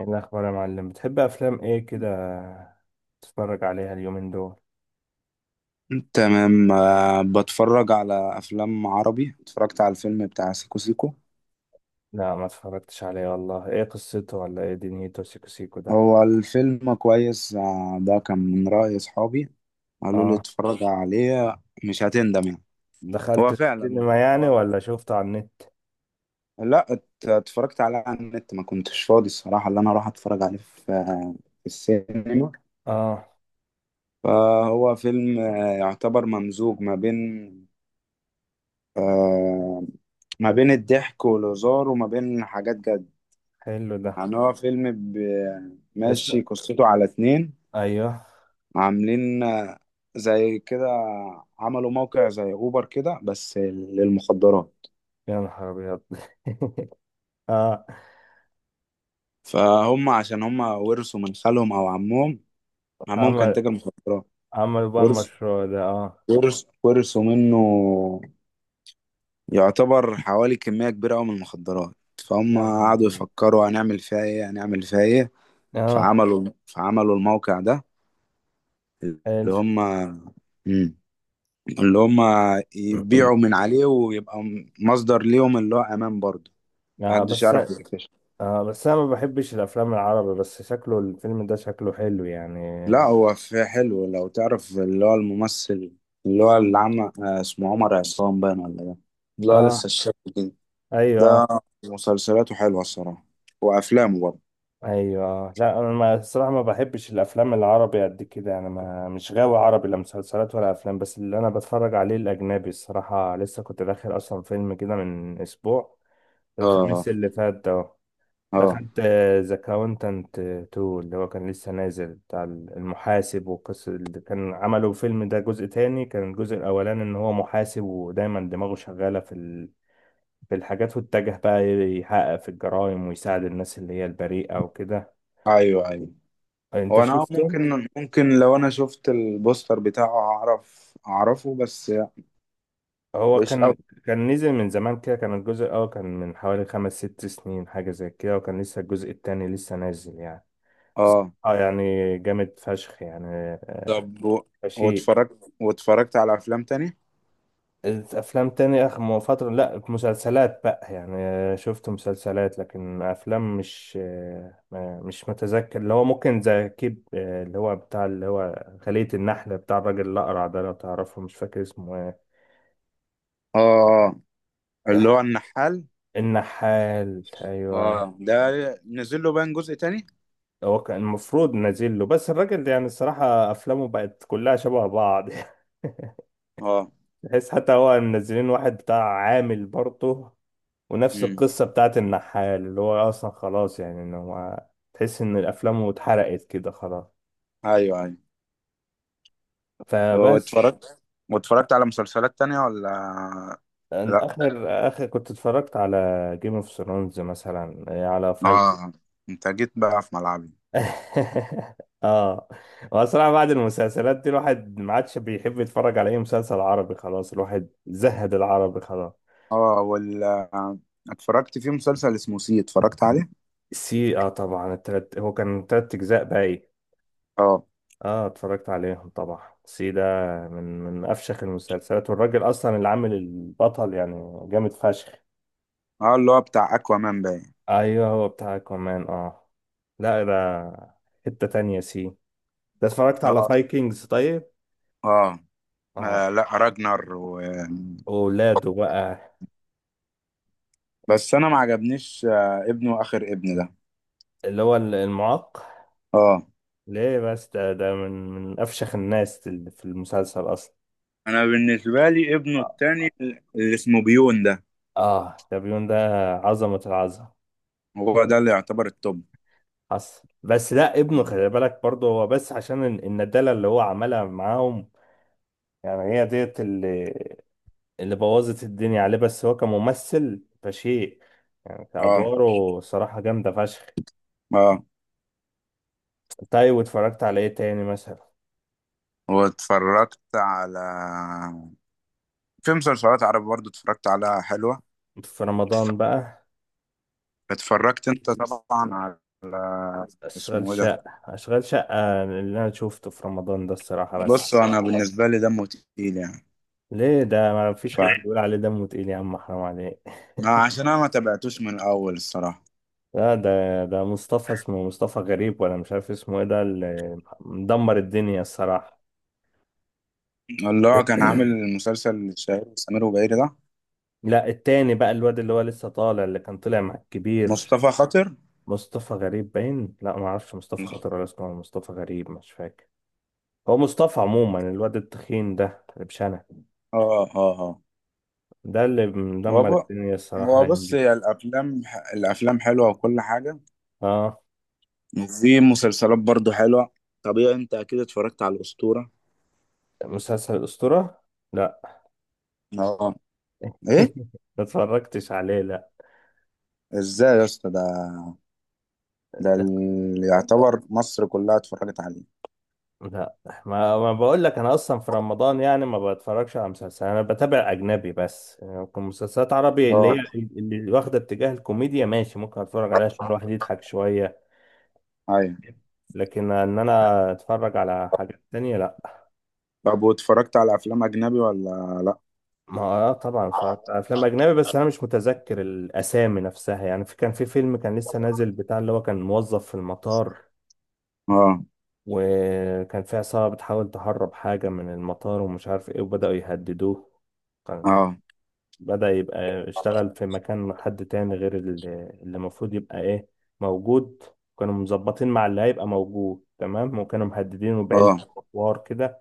ايه الاخبار يا معلم؟ بتحب افلام ايه كده تتفرج عليها اليومين دول؟ تمام، بتفرج على افلام عربي. اتفرجت على الفيلم بتاع سيكو سيكو. لا، ما اتفرجتش عليه والله. ايه قصته ولا ايه دنيته سيكو سيكو ده؟ هو الفيلم كويس، ده كان من رأي اصحابي. قالوا لي اه. اتفرج عليه مش هتندم يعني. دخلت هو فعلا السينما يعني هو من... ولا شفته على النت؟ لا، اتفرجت عليه على النت، ما كنتش فاضي الصراحة اللي انا اروح اتفرج عليه في في السينما. اه، فهو فيلم، يعتبر ممزوج ما بين، آه، ما بين الضحك والهزار وما بين حاجات جد. حلو ده. يعني هو فيلم بس. ماشي قصته على اتنين ايوه. عاملين، زي كده. عملوا موقع زي اوبر كده بس للمخدرات. يا نهار ابيض. اه. فهم عشان هم ورثوا من خالهم او عمهم، عمهم كان عمل تاجر مخدرات. عمل بقى ورث المشروع ده اه. ورث ورثوا منه، يعتبر حوالي كمية كبيرة أوي من المخدرات. فهم يا نهار قعدوا أبيض. يفكروا هنعمل فيها ايه هنعمل فيها ايه. اه، فعملوا الموقع ده، حلو. اللي هم مم. اللي هم يبيعوا من عليه ويبقى مصدر ليهم اللي هو امان برضه، اه محدش بس يعرف يكتشف. اه بس انا ما بحبش الافلام العربي، بس شكله الفيلم ده شكله حلو يعني. لا، هو في حلو. لو تعرف اللي هو الممثل اللي هو اللي عمل، اسمه عمر عصام باين ولا، ده اللي هو لسه اه. الشاب كده. ايوه، ده مسلسلاته حلوة الصراحة، وافلامه برضه. ايوه. لا، انا ما الصراحه ما بحبش الافلام العربي قد كده. انا ما مش غاوي عربي، لا مسلسلات ولا افلام. بس اللي انا بتفرج عليه الاجنبي الصراحه. لسه كنت داخل اصلا فيلم كده من اسبوع، اه، الخميس اللي فات ده، اه، دخلت ذا كاونتنت 2 اللي هو كان لسه نازل بتاع المحاسب. والقصه اللي كان عملوا فيلم ده جزء تاني، كان الجزء الاولاني ان هو محاسب ودايما دماغه شغاله في في الحاجات، واتجه بقى يحقق في الجرائم ويساعد الناس اللي هي البريئة وكده. ايوه، ايوه. يعني انت هو انا شفته؟ ممكن لو انا شفت البوستر بتاعه اعرف اعرفه، بس هو مش قوي. كان نزل من زمان كده، كان الجزء الاول كان من حوالي 5 6 سنين حاجة زي كده، وكان لسه الجزء التاني لسه نازل يعني. بس اه، اه يعني جامد فشخ يعني طب شيء. واتفرجت على افلام تاني؟ افلام تاني؟ اخر فترة لا، مسلسلات بقى يعني شفت مسلسلات، لكن افلام مش مش متذكر. اللي هو ممكن زي كيب اللي هو بتاع اللي هو خلية النحلة بتاع الراجل الأقرع ده، لو تعرفه، مش فاكر اسمه ايه. اه، اللي هو النحال. النحال، ايوه. اه، ده نزل له بان جزء تاني. هو كان المفروض نازل له، بس الراجل ده يعني الصراحة أفلامه بقت كلها شبه بعض. اه. تحس حتى هو منزلين واحد بتاع، عامل برضه ونفس امم. القصة بتاعت النحال، اللي هو أصلا خلاص يعني، إن هو تحس إن الأفلام اتحرقت كده خلاص. ايوه، ايوه. فبس. واتفرجت واتفرجت على مسلسلات تانية ولا أن- لا؟ آخر آخر كنت اتفرجت على جيم اوف ثرونز، مثلا على فايكنج. اه، انت جيت بقى في ملعبي. اه. هو الصراحة بعد المسلسلات دي الواحد ما عادش بيحب يتفرج على اي مسلسل عربي، خلاص الواحد زهد العربي خلاص. اه، وال، اتفرجت في مسلسل اسمه سي، اتفرجت عليه. سي، اه طبعا. التلت، هو كان 3 اجزاء بقى ايه. اه، اه، اتفرجت عليهم طبعا. سي ده من افشخ المسلسلات، والراجل اصلا اللي عامل البطل يعني جامد فشخ. اه، اللي هو بتاع اكوامان باين. ايوه هو بتاع كمان اه. لا ده حتة تانية سي. ده اتفرجت على اه، فايكنجز طيب. اه، اه. لا، وولاده بقى، بس انا ما عجبنيش آه ابنه، اخر ابن ده. اللي هو المعاق، اه، ليه بس ده من أفشخ الناس اللي في المسلسل أصلا. انا بالنسبه لي ابنه التاني اللي اسمه بيون ده، آه دابيون ده، عظمة العظمة. هو ده اللي يعتبر التوب. حصل، بس لا ابنه خلي بالك برضه هو، بس عشان الندالة اللي هو عملها معاهم. يعني هي ديت اللي بوظت الدنيا عليه، بس هو كممثل فشيء، يعني اه، كأدواره صراحة جامدة فشخ. اه. طيب، واتفرجت على ايه تاني مثلا؟ واتفرجت على في مسلسلات عربي برضو اتفرجت على حلوة. في رمضان بقى. اتفرجت انت طبعا على، أشغال اسمه ايه ده؟ شقة أشغال شقة اللي أنا شوفته في رمضان ده الصراحة، بص بس. انا بالنسبة لي دمه تقيل يعني. ليه؟ ده ما فيش ف، حد بيقول عليه دمه تقيل، يا عم حرام عليك. ما عشان انا ما تابعتوش من الاول الصراحة. لا، ده مصطفى. اسمه مصطفى غريب ولا مش عارف اسمه ايه، ده اللي مدمر الدنيا الصراحة. اللي هو كان عامل المسلسل الشهير سمير وبهير ده، لا، التاني بقى، الواد اللي هو لسه طالع، اللي كان طلع مع الكبير. مصطفى خاطر. مصطفى غريب باين، لا ما اعرفش مصطفى خاطر ولا اسمه مصطفى غريب، مش فاكر. هو مصطفى عموما، الواد التخين ده اللي بشنه. اه، اه، ده اللي هو مدمر ب- الدنيا الصراحة هو الأيام بص، دي. هي الافلام، الافلام حلوه وكل حاجه، اه. وفي مسلسلات برضو حلوه. طبيعي انت اكيد اتفرجت على الاسطوره؟ مسلسل الأسطورة؟ لا. اه، ايه؟ ما اتفرجتش عليه، لا. ازاي يا اسطى؟ ده ده اللي يعتبر مصر كلها اتفرجت عليه. لا، ما بقول لك انا اصلا في رمضان يعني ما بتفرجش على مسلسل، انا بتابع اجنبي بس. يعني ممكن مسلسلات عربي اللي هي اه، اللي واخده اتجاه الكوميديا ماشي، ممكن اتفرج عليها عشان الواحد يضحك شويه. ايوه. لكن ان انا اتفرج على حاجات تانية لا. طب واتفرجت على افلام اجنبي ولا لا؟ ما آه طبعا اتفرجت على افلام اجنبي، بس انا مش متذكر الاسامي نفسها. يعني في فيلم كان لسه نازل بتاع اللي هو كان موظف في المطار، اه، وكان في عصابه بتحاول تهرب حاجه من المطار ومش عارف ايه، وبداوا يهددوه. كان اه، بدأ يبقى اشتغل في مكان حد تاني، غير اللي المفروض يبقى ايه موجود. كانوا مظبطين مع اللي هيبقى موجود تمام، وكانوا محددينه اه، بعيلته وحوار كده.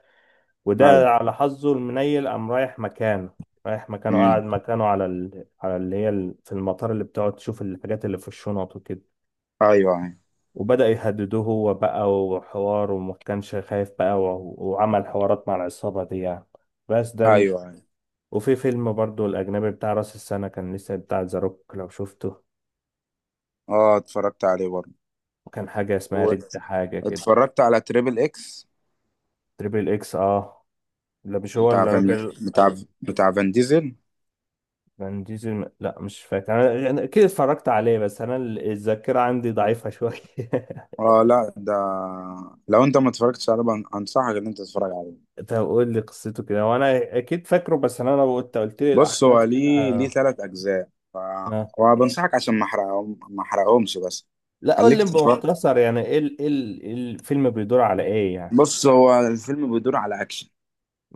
ايوه، وده على حظه المنيل قام رايح مكانه، رايح مكانه، امم، قاعد مكانه على ال... على اللي هي ال... في المطار اللي بتقعد تشوف الحاجات اللي في الشنط وكده. ايوه، ايوه، وبدأ يهددوه هو بقى وحوار، وما كانش خايف بقى و... وعمل حوارات مع العصابة دي يعني. بس ايوه، ده. ايوه، وفي فيلم برضو الأجنبي بتاع رأس السنة، كان لسه، بتاع ذا روك لو شفته. اه، اتفرجت عليه برضه. وكان حاجة اسمها ريد حاجة كده. واتفرجت على تريبل اكس، تريبل إكس اه. لا مش هو بتاع فان الراجل بتاع بتاع فان ديزل. فان ديزل، لا مش فاكر. أنا أكيد اتفرجت عليه، بس أنا الذاكرة عندي ضعيفة شوية. اه، لا ده، لو انت ما اتفرجتش عليه، انصحك ان انت تتفرج عليه. طب قول لي قصته كده وأنا أكيد فاكره، بس أنا لو قلت لي بص، هو الأحداث كده. ليه، ثلاث اجزاء. ف، آه. وبنصحك عشان ما احرقهمش، بس لا، قول لي خليك تتفرج. بمختصر، يعني إيه الفيلم بيدور على إيه يعني؟ بص، هو الفيلم بيدور على اكشن،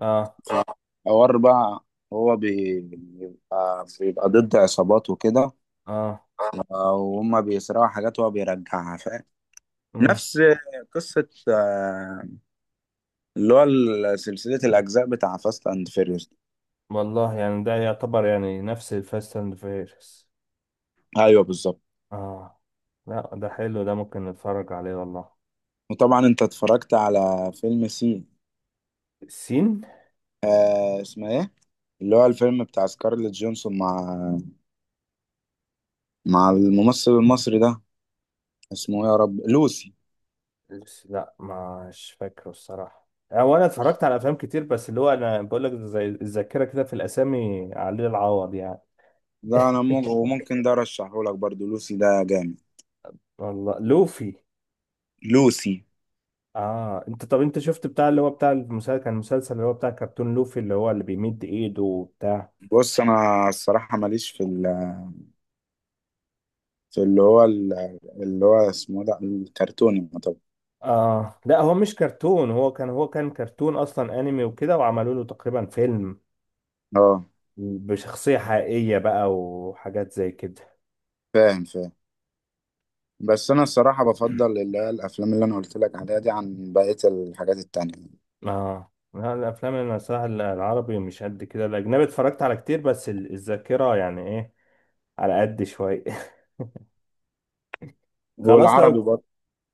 اه، فحوار بقى. هو بيبقى ضد عصابات وكده، اه. وهم بيسرقوا حاجات وهو بيرجعها، فاهم؟ نفس قصة، اللي هو سلسلة الأجزاء بتاع فاست أند فيريوس. والله يعني ده يعتبر يعني نفس الفاست اند فيرس ايوه بالظبط. اه. لا ده حلو ده، ممكن نتفرج عليه والله. وطبعا انت اتفرجت على فيلم سي، سين، آه اسمه ايه؟ اللي هو الفيلم بتاع سكارليت جونسون مع الممثل المصري ده، اسمه ايه يا رب، لوسي. بس لا، مش فاكره الصراحة. هو انا اتفرجت على افلام كتير بس اللي هو انا بقول لك زي الذاكرة كده، في الاسامي عليه العوض يعني. لا، انا وممكن ده ارشحه لك برضو، لوسي ده جامد. والله لوفي لوسي. اه. طب انت شفت بتاع اللي هو بتاع المسلسل، كان المسلسل اللي هو بتاع كرتون لوفي اللي هو اللي بيمد ايده وبتاع. بص انا الصراحه ماليش في في اللي هو اللي هو اسمه ده الكرتوني طبعا. اه لا، هو مش كرتون، هو كان كرتون اصلا انمي وكده، وعملوا له تقريبا فيلم اه، بشخصية حقيقية بقى وحاجات زي كده. فاهم فاهم. بس انا الصراحه بفضل اللي هي الافلام اللي انا قلت لك عليها دي عن بقيه الحاجات التانية. اه لا، الافلام اللي أنا صراحه العربي مش قد كده، الاجنبي اتفرجت على كتير، بس الذاكره يعني ايه، على قد شويه. خلاص والعربي لو. برضه،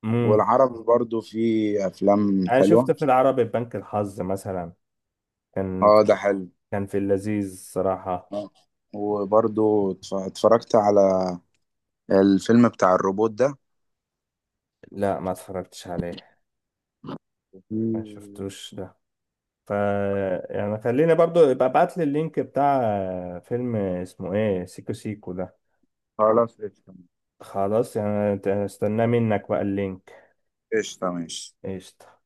امم والعربي برضو في افلام انا شفت حلوه. في العربي بنك الحظ مثلا، كان اه ده حلو. كان في اللذيذ صراحه. آه. وبرضو اتفرجت على الفيلم بتاع الروبوت ده. لا ما اتفرجتش عليه، ما في، شفتوش ده. ف يعني خليني برضو يبقى ابعت لي اللينك بتاع فيلم اسمه ايه، سيكو سيكو ده. خلاص قشطة. خلاص يعني، استناه منك بقى اللينك. قشطة ماشي. قشطة.